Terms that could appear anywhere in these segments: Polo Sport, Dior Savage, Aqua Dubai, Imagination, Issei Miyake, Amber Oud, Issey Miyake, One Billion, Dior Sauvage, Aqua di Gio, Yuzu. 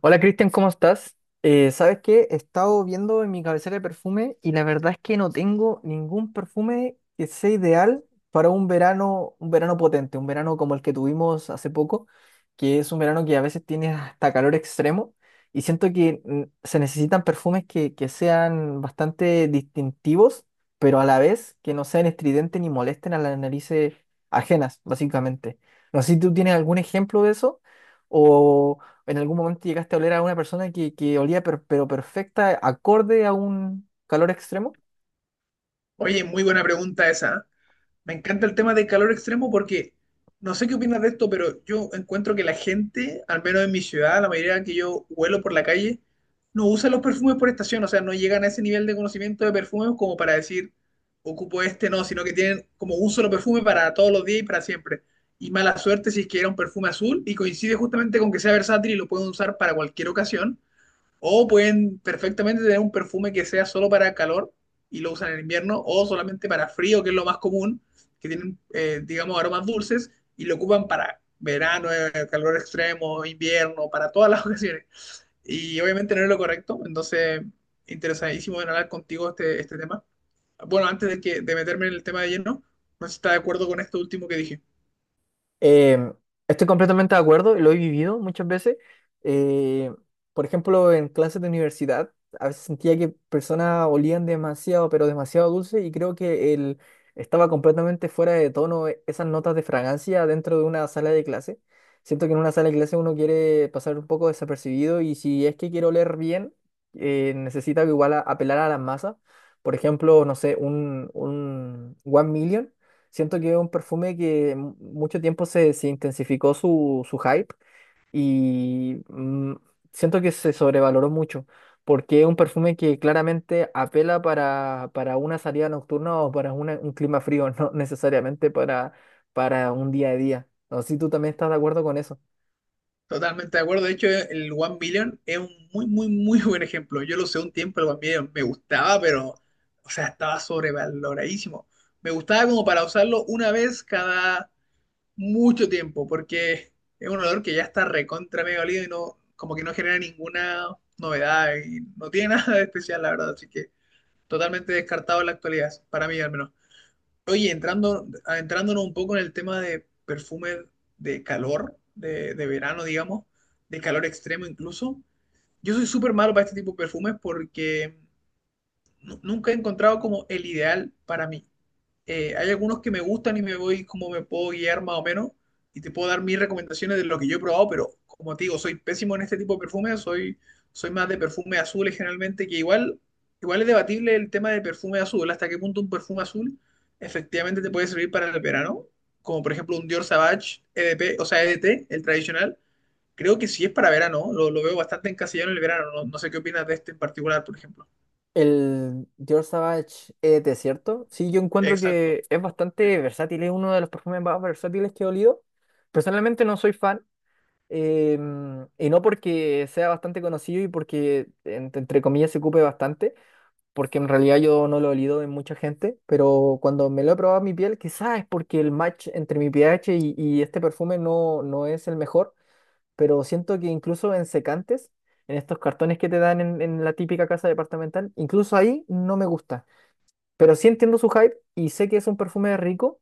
Hola Cristian, ¿cómo estás? ¿Sabes qué? He estado viendo en mi cabecera de perfume y la verdad es que no tengo ningún perfume que sea ideal para un verano potente, un verano como el que tuvimos hace poco, que es un verano que a veces tiene hasta calor extremo y siento que se necesitan perfumes que sean bastante distintivos, pero a la vez que no sean estridentes ni molesten a las narices ajenas, básicamente. No sé si tú tienes algún ejemplo de eso o en algún momento llegaste a oler a una persona que olía pero perfecta, ¿acorde a un calor extremo? Oye, muy buena pregunta esa. ¿Eh? Me encanta el tema del calor extremo porque no sé qué opinas de esto, pero yo encuentro que la gente, al menos en mi ciudad, la mayoría que yo huelo por la calle, no usa los perfumes por estación, o sea, no llegan a ese nivel de conocimiento de perfumes como para decir, ocupo este, no, sino que tienen como un solo perfume para todos los días y para siempre. Y mala suerte si es que era un perfume azul y coincide justamente con que sea versátil y lo pueden usar para cualquier ocasión o pueden perfectamente tener un perfume que sea solo para calor y lo usan en invierno, o solamente para frío, que es lo más común, que tienen, digamos, aromas dulces y lo ocupan para verano, calor extremo, invierno, para todas las ocasiones. Y obviamente no es lo correcto, entonces interesadísimo en hablar contigo este tema. Bueno, antes de meterme en el tema de lleno, no sé si está de acuerdo con esto último que dije. Eh, Estoy completamente de acuerdo, y lo he vivido muchas veces. Eh, por ejemplo, en clases de universidad, a veces sentía que personas olían demasiado, pero demasiado dulce, y creo que el, estaba completamente fuera de tono esas notas de fragancia dentro de una sala de clase. Siento que en una sala de clase uno quiere pasar un poco desapercibido, y si es que quiere oler bien, necesita igual apelar a las masas. Por ejemplo, no sé, un One Million. Siento que es un perfume que mucho tiempo se intensificó su hype y siento que se sobrevaloró mucho, porque es un perfume que claramente apela para una salida nocturna o para un clima frío, no necesariamente para un día a día. No sé si tú también estás de acuerdo con eso. Totalmente de acuerdo. De hecho, el One Billion es un muy, muy, muy buen ejemplo. Yo lo usé un tiempo, el One Billion me gustaba, pero, o sea, estaba sobrevaloradísimo. Me gustaba como para usarlo una vez cada mucho tiempo, porque es un olor que ya está recontra medio olido y no, como que no genera ninguna novedad y no tiene nada de especial, la verdad. Así que totalmente descartado en la actualidad, para mí al menos. Oye, adentrándonos un poco en el tema de perfumes de calor, de verano, digamos, de calor extremo incluso. Yo soy súper malo para este tipo de perfumes porque nunca he encontrado como el ideal para mí. Hay algunos que me gustan y me voy como me puedo guiar más o menos y te puedo dar mis recomendaciones de lo que yo he probado, pero como te digo, soy pésimo en este tipo de perfumes, soy más de perfumes azules generalmente, que igual es debatible el tema de perfume azul, hasta qué punto un perfume azul efectivamente te puede servir para el verano, como por ejemplo un Dior Savage EDP, o sea, EDT, el tradicional. Creo que sí es para verano, lo veo bastante encasillado en el verano. No sé qué opinas de este en particular, por ejemplo. El Dior Sauvage es cierto. Sí, yo encuentro Exacto. que es bastante versátil, es uno de los perfumes más versátiles que he olido. Personalmente no soy fan. Y no porque sea bastante conocido y porque, entre comillas, se ocupe bastante, porque en realidad yo no lo he olido en mucha gente, pero cuando me lo he probado en mi piel, quizás es porque el match entre mi pH y este perfume no es el mejor, pero siento que incluso en secantes, en estos cartones que te dan en la típica casa departamental, incluso ahí no me gusta. Pero sí entiendo su hype y sé que es un perfume rico,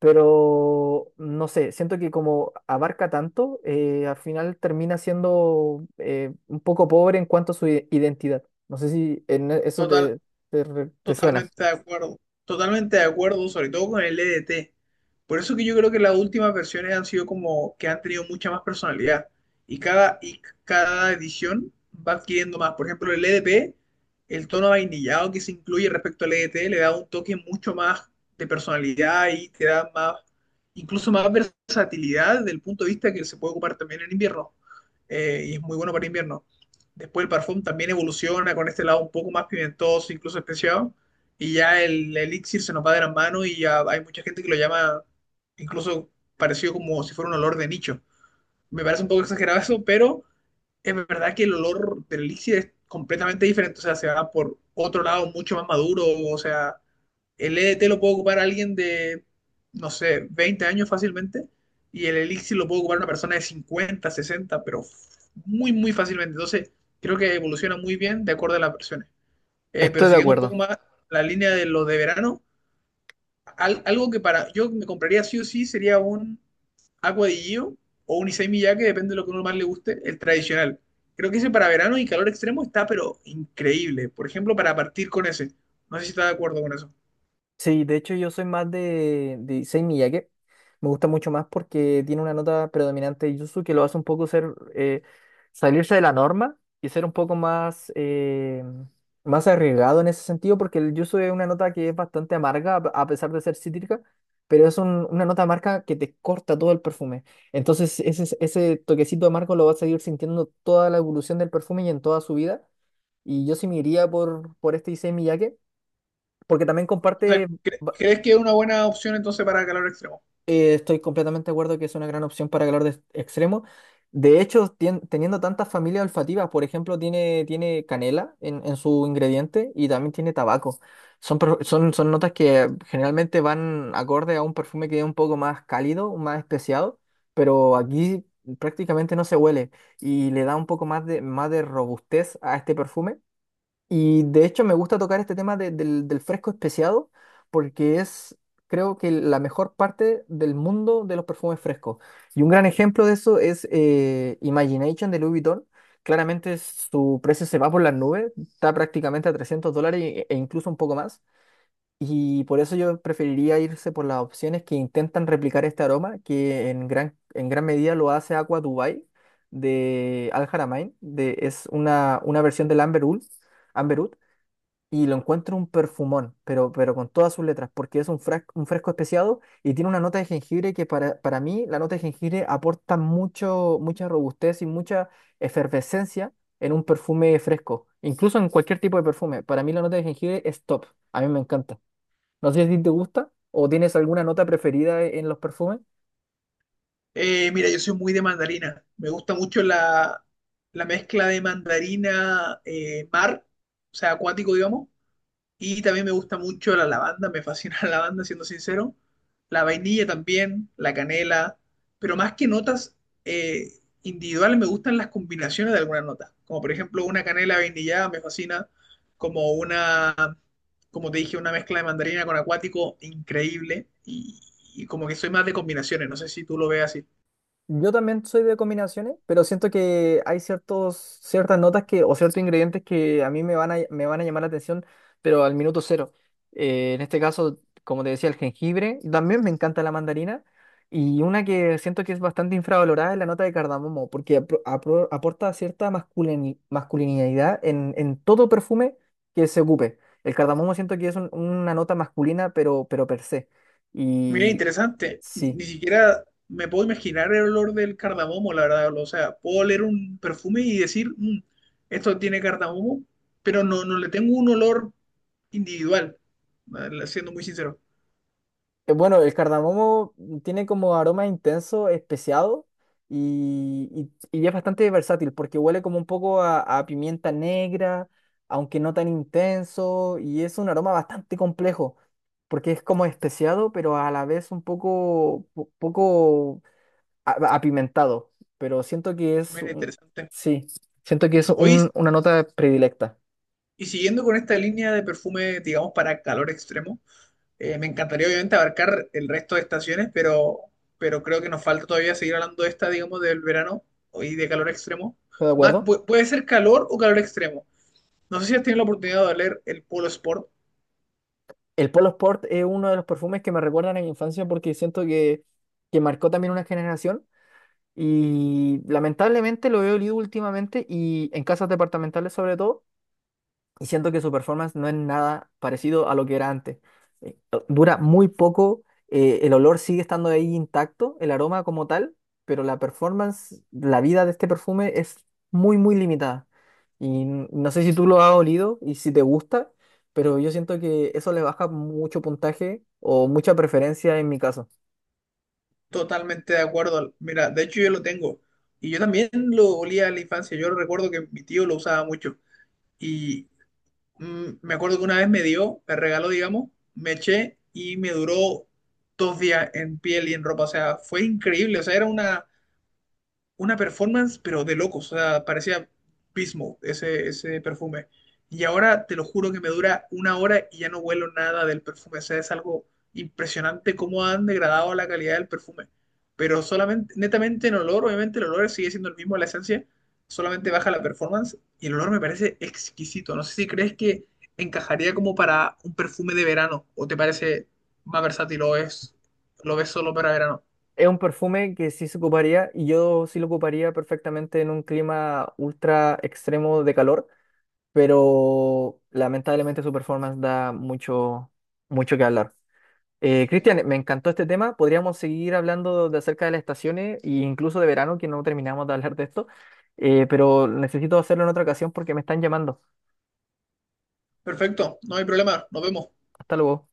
pero no sé, siento que como abarca tanto, al final termina siendo un poco pobre en cuanto a su identidad. No sé si en eso Total, te suena. Totalmente de acuerdo, totalmente de acuerdo, sobre todo con el EDT. Por eso que yo creo que las últimas versiones han sido como que han tenido mucha más personalidad y cada edición va adquiriendo más. Por ejemplo, el EDP, el tono vainillado que se incluye respecto al EDT le da un toque mucho más de personalidad y te da más, incluso más versatilidad desde el punto de vista que se puede ocupar también en invierno. Y es muy bueno para invierno. Después el parfum también evoluciona con este lado un poco más pimentoso, incluso especiado y ya el elixir se nos va de las manos y ya hay mucha gente que lo llama incluso parecido como si fuera un olor de nicho. Me parece un poco exagerado eso, pero es verdad que el olor del elixir es completamente diferente, o sea, se va por otro lado mucho más maduro. O sea, el EDT lo puede ocupar alguien de, no sé, 20 años fácilmente y el elixir lo puede ocupar una persona de 50 60 pero muy, muy fácilmente. Entonces, creo que evoluciona muy bien de acuerdo a las versiones. Pero Estoy de siguiendo un poco acuerdo. más la línea de lo de verano, algo que para yo me compraría sí o sí sería un Aqua di Gio o un Issey Miyake, depende de lo que uno más le guste, el tradicional. Creo que ese para verano y calor extremo está, pero increíble. Por ejemplo, para partir con ese. No sé si estás de acuerdo con eso. Sí, de hecho yo soy más de Issei Miyake. Me gusta mucho más porque tiene una nota predominante de Yuzu que lo hace un poco ser salirse de la norma y ser un poco más, más arriesgado en ese sentido, porque el Yuzu es una nota que es bastante amarga, a pesar de ser cítrica, pero es una nota amarga que te corta todo el perfume. Entonces ese toquecito amargo lo vas a seguir sintiendo toda la evolución del perfume y en toda su vida. Y yo sí me iría por este Issei Miyake, porque también O sea, comparte. ¿Crees que es una buena opción entonces para calor extremo? Estoy completamente de acuerdo que es una gran opción para calor extremo. De hecho, teniendo tantas familias olfativas, por ejemplo, tiene canela en su ingrediente y también tiene tabaco. Son notas que generalmente van acorde a un perfume que es un poco más cálido, más especiado, pero aquí prácticamente no se huele y le da un poco más de robustez a este perfume. Y de hecho me gusta tocar este tema del fresco especiado porque es, creo que la mejor parte del mundo de los perfumes frescos. Y un gran ejemplo de eso es Imagination de Louis Vuitton. Claramente su precio se va por las nubes, está prácticamente a 300 dólares e incluso un poco más. Y por eso yo preferiría irse por las opciones que intentan replicar este aroma, que en gran medida lo hace Aqua Dubai de Al Haramain. De, es una versión del Amber Oud y lo encuentro un perfumón, pero con todas sus letras, porque es un, un fresco especiado y tiene una nota de jengibre que para mí la nota de jengibre aporta mucho, mucha robustez y mucha efervescencia en un perfume fresco, incluso en cualquier tipo de perfume. Para mí la nota de jengibre es top, a mí me encanta. No sé si a ti te gusta o tienes alguna nota preferida en los perfumes. Mira, yo soy muy de mandarina. Me gusta mucho la mezcla de mandarina o sea, acuático, digamos. Y también me gusta mucho la lavanda, me fascina la lavanda, siendo sincero. La vainilla también, la canela, pero más que notas eh, individuales, me gustan las combinaciones de algunas notas. Como por ejemplo una canela vainillada me fascina, como una, como te dije, una mezcla de mandarina con acuático increíble. Y, como que soy más de combinaciones, no sé si tú lo ves así. Yo también soy de combinaciones, pero siento que hay ciertos, ciertas notas que, o ciertos ingredientes que a mí me van me van a llamar la atención, pero al minuto cero. En este caso, como te decía, el jengibre, y también me encanta la mandarina, y una que siento que es bastante infravalorada es la nota de cardamomo, porque aporta cierta masculinidad en todo perfume que se ocupe. El cardamomo siento que es una nota masculina, pero per se. Mira, Y interesante. Ni, sí. ni siquiera me puedo imaginar el olor del cardamomo, la verdad. O sea, puedo oler un perfume y decir, " esto tiene cardamomo, pero no le tengo un olor individual, siendo muy sincero. Bueno, el cardamomo tiene como aroma intenso, especiado y, y es bastante versátil porque huele como un poco a pimienta negra, aunque no tan intenso, y es un aroma bastante complejo porque es como especiado, pero a la vez un poco, poco apimentado. Pero siento que es Mira, interesante. sí, siento que es Hoy, una nota predilecta. y siguiendo con esta línea de perfume, digamos, para calor extremo, me encantaría obviamente abarcar el resto de estaciones, pero creo que nos falta todavía seguir hablando de esta, digamos, del verano y de calor extremo. ¿Estás de Ma- acuerdo? pu- puede ser calor o calor extremo. No sé si has tenido la oportunidad de leer el Polo Sport. El Polo Sport es uno de los perfumes que me recuerdan a mi infancia porque siento que marcó también una generación y lamentablemente lo he olido últimamente y en casas departamentales sobre todo y siento que su performance no es nada parecido a lo que era antes. Eh, Dura muy poco, el olor sigue estando ahí intacto, el aroma como tal, pero la performance, la vida de este perfume es muy, muy limitada. Y no sé si tú lo has olido y si te gusta, pero yo siento que eso le baja mucho puntaje o mucha preferencia en mi caso. Totalmente de acuerdo. Mira, de hecho yo lo tengo. Y yo también lo olía en la infancia. Yo recuerdo que mi tío lo usaba mucho. Y me acuerdo que una vez me dio, me regaló, digamos, me eché y me duró 2 días en piel y en ropa. O sea, fue increíble. O sea, era una performance, pero de locos. O sea, parecía Pismo ese perfume. Y ahora te lo juro que me dura una hora y ya no huelo nada del perfume. O sea, es algo impresionante cómo han degradado la calidad del perfume. Pero solamente, netamente en olor, obviamente el olor sigue siendo el mismo, la esencia, solamente baja la performance y el olor me parece exquisito. No sé si crees que encajaría como para un perfume de verano o te parece más versátil o es, lo ves solo para verano. Es un perfume que sí se ocuparía y yo sí lo ocuparía perfectamente en un clima ultra extremo de calor, pero lamentablemente su performance da mucho, mucho que hablar. Cristian, me encantó este tema. Podríamos seguir hablando de acerca de las estaciones e incluso de verano, que no terminamos de hablar de esto. Pero necesito hacerlo en otra ocasión porque me están llamando. Perfecto, no hay problema, nos vemos. Hasta luego.